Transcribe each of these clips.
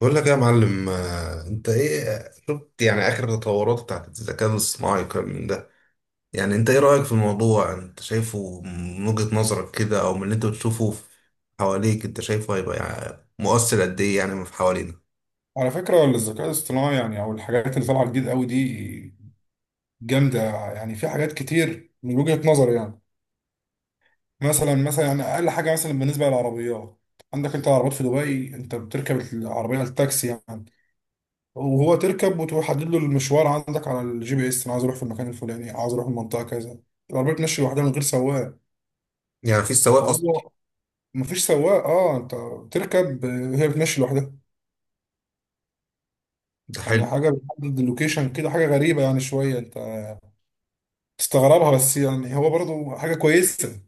بقول لك إيه يا معلم، انت ايه شفت يعني اخر التطورات بتاعت الذكاء الاصطناعي والكلام من ده. يعني انت ايه رأيك في الموضوع؟ انت شايفه من وجهة نظرك كده او من اللي انت بتشوفه حواليك، انت شايفه هيبقى يعني مؤثر قد ايه يعني في حوالينا؟ على فكرة الذكاء الاصطناعي أو الحاجات اللي طالعة جديد قوي دي جامدة. يعني في حاجات كتير من وجهة نظري، يعني مثلا أقل حاجة مثلا بالنسبة للعربيات. عندك أنت العربيات في دبي، أنت بتركب العربية التاكسي، يعني وهو تركب وتحدد له المشوار عندك على الجي بي إس. أنا عايز أروح في المكان الفلاني، عايز أروح المنطقة كذا. العربية بتمشي لوحدها من غير سواق. يعني في السواق اصلا. هو مفيش سواق، أه أنت بتركب، آه، هي بتمشي لوحدها. ده يعني حلو. حاجة بتحدد اللوكيشن كده، حاجة غريبة، يعني شوية أنت تستغربها، بس يعني هو برضه حاجة كويسة. يعني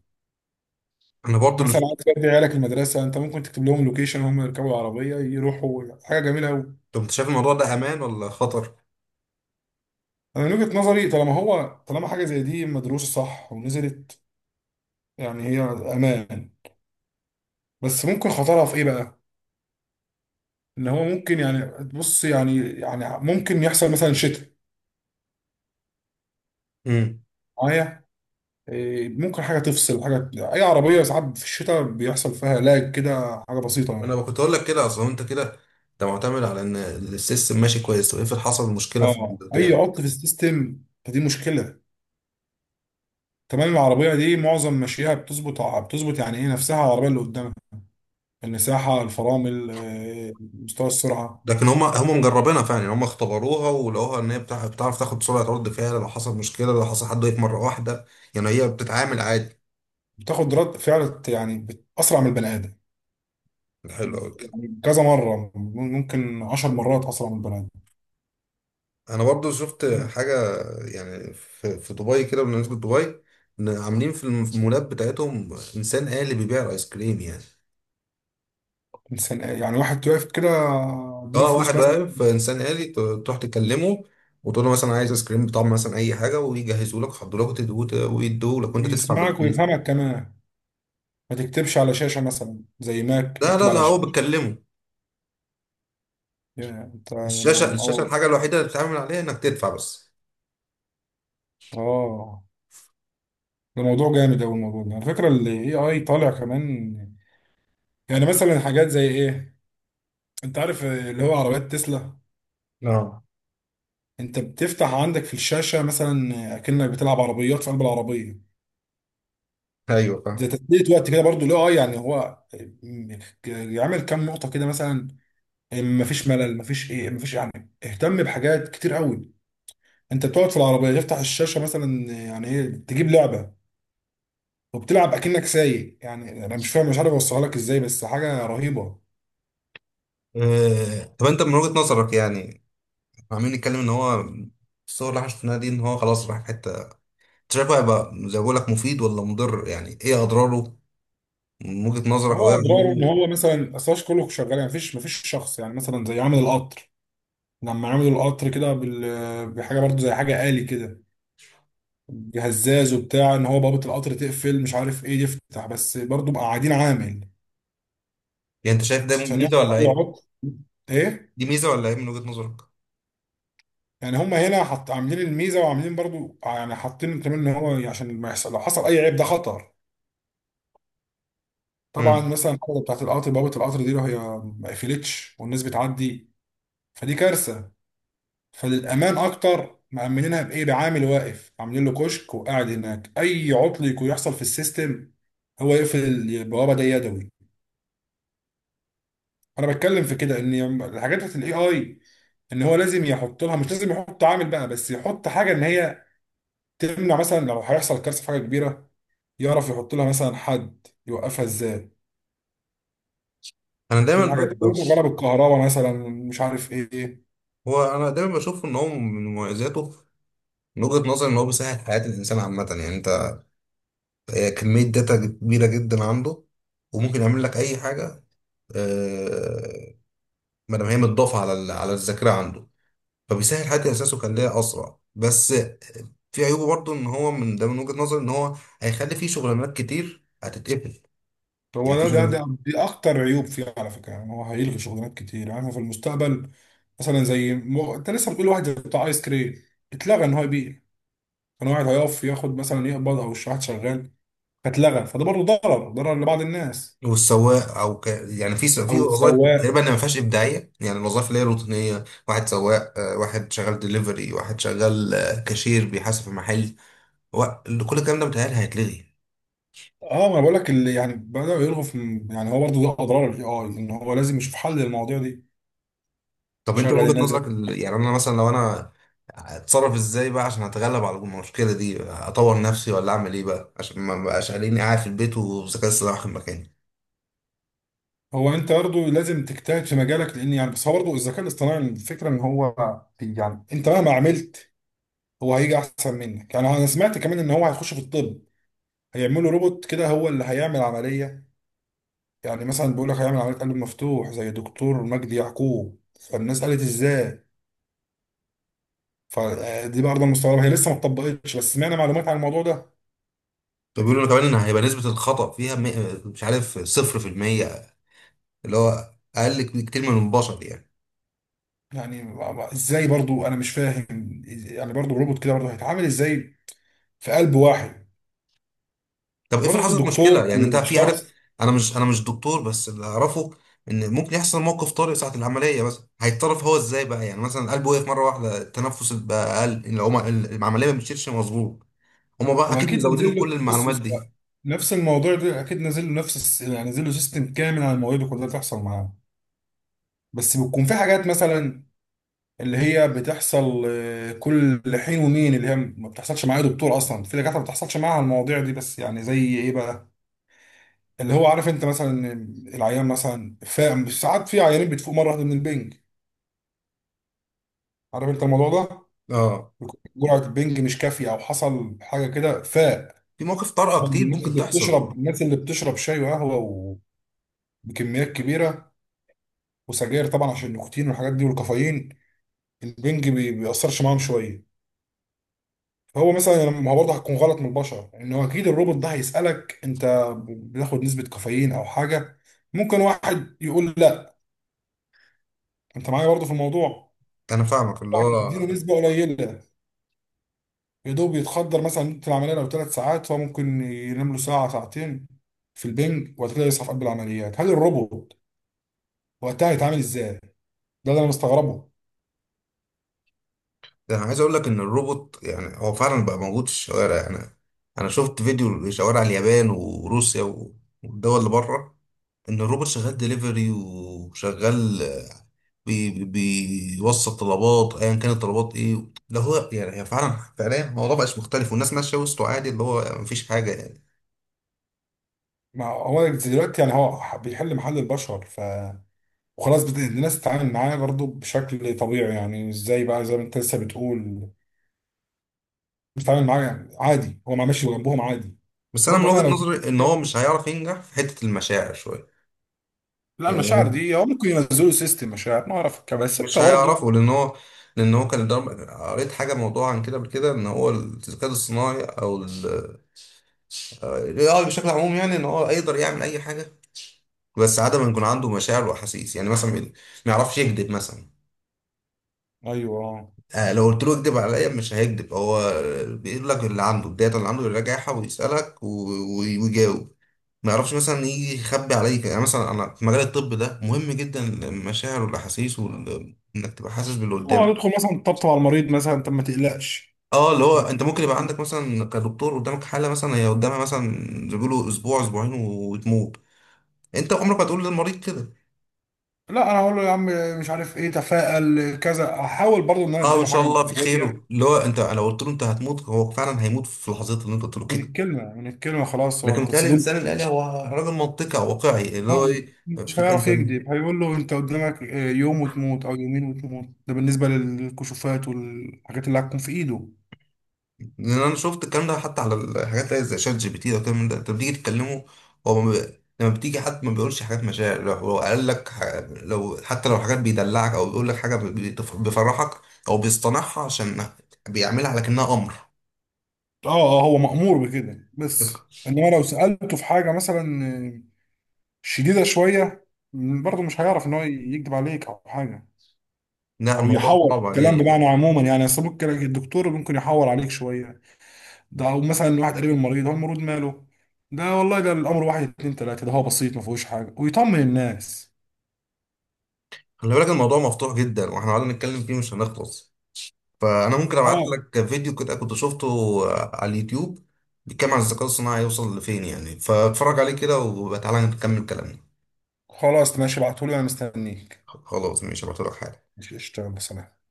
انا برضو اللي مثلا شفت. عايز تودي عيالك المدرسة، انت ممكن تكتب لهم لوكيشن، هم يركبوا العربية يروحوا. حاجة جميلة أوي. طب انت شايف الموضوع ده امان ولا خطر؟ انا من وجهة نظري طالما هو، طالما حاجة زي دي مدروسة صح ونزلت، يعني هي امان. بس ممكن خطرها في ايه بقى؟ ان هو ممكن، يعني بص يعني ممكن يحصل مثلا شتاء امم. معايا. إيه، ممكن حاجة تفصل حاجة. اي عربية ساعات في الشتاء بيحصل فيها لاج كده، حاجة بسيطة يعني. انا كنت اقول لك كده اصلا، انت كده انت معتمد على ان السيستم ماشي كويس. طب افرض حصل مشكلة في اه، اي البتاع. عطل في السيستم فدي مشكلة. تمام، العربية دي معظم مشيها بتظبط، بتظبط يعني ايه نفسها على العربية اللي قدامك. المساحة، الفرامل، آه، مستوى السرعة. لكن هم مجربينها فعلا، يعني هم اختبروها ولقوها ان هي بتعرف تاخد سرعه رد فعل لو حصل مشكله، لو حصل حد وقف مره واحده. يعني هي بتتعامل عادي. بتاخد رد فعل يعني أسرع من البني آدم. حلو قوي كده. يعني كذا مرة، ممكن عشر مرات أسرع من البني آدم. انا برضو شفت حاجه. يعني في دبي كده، بالنسبه لدبي، إن عاملين في المولات بتاعتهم انسان آلي بيبيع الايس كريم يعني. إنسان، يعني واحد واقف كده، اديله اه، فلوس واحد مثلا. واقف انسان آلي، تروح تكلمه وتقول له مثلا عايز ايس كريم بطعم مثلا اي حاجه، ويجهزوا لك، يحضروا لك وتدوه، ويدوه لك وانت تدفع بيسمعك بالفيزا. ويفهمك كمان. ما تكتبش على شاشة مثلا زي ماك لا لا تكتب لا، على هو شاشة. بتكلمه. يا انت الشاشه انا الشاشه اه. الحاجه الوحيده اللي بتتعامل عليها انك تدفع بس. اه، ده موضوع جامد أوي، الموضوع ده على فكرة ال AI طالع كمان. يعني مثلا حاجات زي ايه؟ انت عارف اللي هو عربيات تسلا؟ اه، انت بتفتح عندك في الشاشه مثلا اكنك بتلعب عربيات في قلب العربيه. ايوه ده فاهم. تثبيت وقت كده برضو، لا اه يعني هو يعمل كام نقطه كده مثلا. إيه، مفيش ملل، مفيش ايه، مفيش، يعني اهتم بحاجات كتير قوي. انت بتقعد في العربيه تفتح الشاشه مثلا يعني ايه، تجيب لعبه وبتلعب اكنك سايق. يعني انا مش فاهم، مش عارف اوصلها لك ازاي، بس حاجه رهيبه. طب انت من وجهة نظرك يعني، احنا عمالين نتكلم ان هو الصور اللي احنا شفناها دي ان هو خلاص راح في حته، انت شايفه هيبقى زي ما بقول لك، مفيد ولا مضر؟ يعني ايه اضراره من وجهة نظرك، هو او ايه اضراره ان عيوبه؟ هو مثلا اصلاش كله شغال، يعني مفيش شخص. يعني مثلا زي عامل القطر، لما عملوا القطر كده بال... بحاجه برضو زي حاجه آلي كده، بهزاز وبتاع، ان هو بابه القطر تقفل مش عارف ايه يفتح، بس برضو بقى قاعدين عامل يعني انت شايف ده عشان ميزه يحصل ولا اي عيب؟ عطل. ايه دي ميزه ولا عيب من وجهة نظرك؟ يعني، هم هنا حط عاملين الميزه، وعاملين برضو يعني حاطين كمان ان هو عشان ما يحصل، لو حصل اي عيب ده خطر. طبعا امم. مثلا الحاجه بتاعت القطر، بوابه القطر دي لو هي ما قفلتش والناس بتعدي فدي كارثه. فللامان اكتر مأمنينها بايه؟ بعامل واقف، عاملين له كشك وقاعد هناك، اي عطل يكون يحصل في السيستم هو يقفل البوابه دي يدوي. انا بتكلم في كده، ان الحاجات بتاعت الاي اي ان هو لازم يحط لها، مش لازم يحط عامل بقى، بس يحط حاجه ان هي تمنع مثلا لو هيحصل كارثه في حاجه كبيره. يعرف يحط لها مثلا حد يوقفها ازاي. انا دايما ب... الحاجات دي ب... كلها شغاله بالكهرباء مثلا، مش عارف ايه. هو انا دايما بشوف ان هو من مميزاته، من وجهة نظري ان هو بيسهل حياة الانسان عامة يعني. كمية داتا كبيرة جدا عنده، وممكن يعمل لك أي حاجة. آه، ما دام هي متضافة على الذاكرة عنده، فبيسهل حد إحساسه ويخليها أسرع. بس في عيوبه برضه، إن هو من ده، من وجهة نظري إن هو هيخلي فيه شغلانات كتير هتتقفل. يعني هو في ده ده شغل. ده دي اكتر عيوب فيه على فكره. يعني هو هيلغي شغلانات كتير، يعني احنا في المستقبل، مثلا زي انت لسه بتقول واحد زي بتاع ايس كريم، اتلغى ان هو يبيع. كان واحد هيقف ياخد مثلا يقبض، او واحد شغال فاتلغى، فده برضه ضرر لبعض الناس. والسواق، يعني او في وظائف السواق. تقريبا ما فيهاش ابداعيه، يعني الوظائف اللي هي روتينيه، واحد سواق، واحد شغال دليفري، واحد شغال، كاشير بيحاسب في محل، و... كل الكلام ده متهيألي هيتلغي. اه ما انا بقول لك، اللي يعني بداوا يلغوا في، يعني هو برضه ده اضرار الاي اي، ان هو لازم يشوف حل للمواضيع دي، طب انت من يشغل وجهة الناس دي. نظرك يعني انا مثلا، لو انا اتصرف ازاي بقى عشان اتغلب على المشكله دي؟ اطور نفسي ولا اعمل ايه بقى عشان ما بقاش قاعدين قاعد في البيت والذكاء الاصطناعي واخد مكاني؟ هو انت برضه لازم تجتهد في مجالك، لان يعني، بس هو برضه الذكاء الاصطناعي الفكره ان هو، يعني انت مهما عملت هو هيجي احسن منك. يعني انا سمعت كمان ان هو هيخش في الطب، هيعملوا روبوت كده هو اللي هيعمل عمليه. يعني مثلا بيقول لك هيعمل عمليه قلب مفتوح زي دكتور مجدي يعقوب، فالناس قالت ازاي؟ فدي برضه مستغربه، هي لسه ما اتطبقتش بس سمعنا معلومات عن الموضوع ده. فبيقولوا لي كمان ان هيبقى نسبه الخطا فيها، مش عارف، 0%، اللي هو اقل كتير من البشر يعني. يعني ازاي برضه، انا مش فاهم، يعني برضه الروبوت كده برضه هيتعامل ازاي في قلب واحد؟ طب افرض برضه حصلت الدكتور مشكله؟ يعني انت او في عارف. الشخص، انا مش دكتور، بس اللي اعرفه ان ممكن يحصل موقف طارئ ساعه العمليه مثلا. هيتصرف هو ازاي بقى؟ يعني مثلا قلبه وقف مره واحده، التنفس بقى اقل، العمليه ما بتشيلش مظبوط. هما بقى هو اكيد اكيد نزل مزودين كل له، بص المعلومات بص دي. نفس الموضوع ده اكيد نزل له نفس يعني نزل له سيستم كامل عن المواضيع دي كلها تحصل معاه. بس بتكون في حاجات مثلا اللي هي بتحصل، آه، كل حين ومين، اللي هي ما بتحصلش مع اي دكتور. اصلا في دكاتره ما بتحصلش معاها المواضيع دي، بس يعني زي ايه بقى؟ اللي هو عارف انت مثلا إن العيان مثلا فاهم، ساعات في عيانين بتفوق مره واحده من البنج. عارف انت الموضوع ده؟ اه، بيكون جرعه البنج مش كافيه، او حصل حاجه كده فاق. في مواقف طارئه طبعا كتير الناس ممكن اللي تحصل. بتشرب، الناس اللي بتشرب شاي وقهوه وبكميات كبيره وسجاير طبعا، عشان النيكوتين والحاجات دي والكافيين، البنج بيأثرش معاهم شويه. هو مثلا، يعني ما هو برضه هتكون غلط من البشر، ان هو اكيد الروبوت ده هيسالك انت بتاخد نسبه كافيين او حاجه. ممكن واحد يقول لا، انت معايا برضه في الموضوع، انا فاهمك اللي واحد هو يديله نسبه قليله، يا دوب يتخدر. مثلا مدة العمليه لو ثلاث ساعات، هو ممكن ينام له ساعه ساعتين في البنج وبعد كده يصحى في قلب العمليات. هل الروبوت وقتها هيتعامل ازاي؟ ده اللي انا مستغربه. ده. انا عايز اقول لك ان الروبوت يعني هو فعلا بقى موجود في الشوارع يعني. انا شفت فيديو لشوارع اليابان وروسيا والدول اللي بره، ان الروبوت شغال دليفري وشغال، بي بي بيوصل طلبات ايا كان الطلبات ايه ده. هو يعني هي فعلا فعليا، الموضوع بقاش مختلف، والناس ماشيه وسطه عادي، اللي هو مفيش حاجه يعني. ما هو دلوقتي يعني هو بيحل محل البشر، ف وخلاص الناس تتعامل معاه برضه بشكل طبيعي. يعني ازاي بقى، زي ما انت لسه بتقول، بتتعامل معاه يعني عادي، هو ما ماشي جنبهم عادي. بس انا من برضو انا وجهه لو، نظري ان هو مش هيعرف ينجح في حته المشاعر شويه. لا، المشاعر يعني دي هو ممكن ينزلوا سيستم مشاعر، ما اعرف كده، بس انت مش برضه. هيعرفوا لان هو، كان الضرب، قريت حاجه موضوع عن كده قبل كده، ان هو الذكاء الصناعي او الاي اي بشكل عموم، يعني ان هو يقدر يعمل اي حاجه، بس عدم ان يكون عنده مشاعر واحاسيس، يعني مثلا ما يعرفش يكذب مثلا. ايوه اه. لو قلت له اكذب عليا مش هيكذب هو، بيقول لك اللي عنده الداتا اللي عنده يراجعها ويسالك ويجاوب. ما يعرفش مثلا يجي يخبي عليك. يعني مثلا انا في مجال الطب ده مهم جدا المشاعر والاحاسيس، وانك تبقى حاسس باللي قدامك. يدخل مثلا طبطب على المريض، مثلا طب ما تقلقش. اه، اللي هو انت ممكن يبقى عندك مثلا كدكتور قدامك حاله، مثلا هي قدامها مثلا زي ما بيقولوا اسبوع اسبوعين وتموت. انت عمرك ما تقول للمريض كده. لا انا هقول له يا عم، مش عارف ايه، تفائل كذا، احاول برضه ان انا اه، ان اديله شاء حاجه الله في خير. معنويه. اللي هو انت لو قلت له انت هتموت، هو فعلا هيموت في لحظتها اللي انت قلت له من كده. الكلمه، من الكلمه خلاص، هو لكن انت بيتهيألي اتصدمت. الانسان الالي هو راجل منطقي او واقعي، اللي هو آه، ايه، مش في هيعرف انت. يكذب، هيقول له انت قدامك، آه، يوم وتموت او يومين وتموت. ده بالنسبه للكشوفات والحاجات اللي هتكون في ايده. لان انا شفت الكلام ده حتى على الحاجات اللي هي زي شات جي بي تي ده والكلام ده، انت بتيجي تتكلمه. هو ما بي... لما بتيجي حد ما بيقولش حاجات مشاعر. لو هو قال لك لو حتى لو حاجات بيدلعك او بيقول لك حاجه، بيفرحك، او بيصطنعها عشان بيعملها على كأنها امر. اه آه، هو مأمور بكده. بس انما لو سألته في حاجة مثلا شديدة شوية، برضه مش هيعرف ان هو يكذب عليك او حاجة، لا، او الموضوع يحور في صعب الكلام. عليه يعني. بمعنى عموما يعني اصل ممكن الدكتور ممكن يحور عليك شوية ده، او مثلا واحد قريب المريض، هو المريض ماله ده؟ والله ده الامر واحد اتنين تلاتة، ده هو بسيط ما فيهوش حاجة، ويطمن الناس. خلي بالك الموضوع مفتوح جدا، واحنا قعدنا نتكلم فيه مش هنخلص. فانا ممكن ابعت اه لك فيديو كده كنت شفته على اليوتيوب، بيتكلم عن الذكاء الصناعي يوصل لفين يعني، فاتفرج عليه كده وتعالى نكمل كلامنا. خلاص ماشي، ابعتهولي انا مستنيك. خلاص ماشي، هبعتلك حالا. ماشي، اشتغل بصراحة.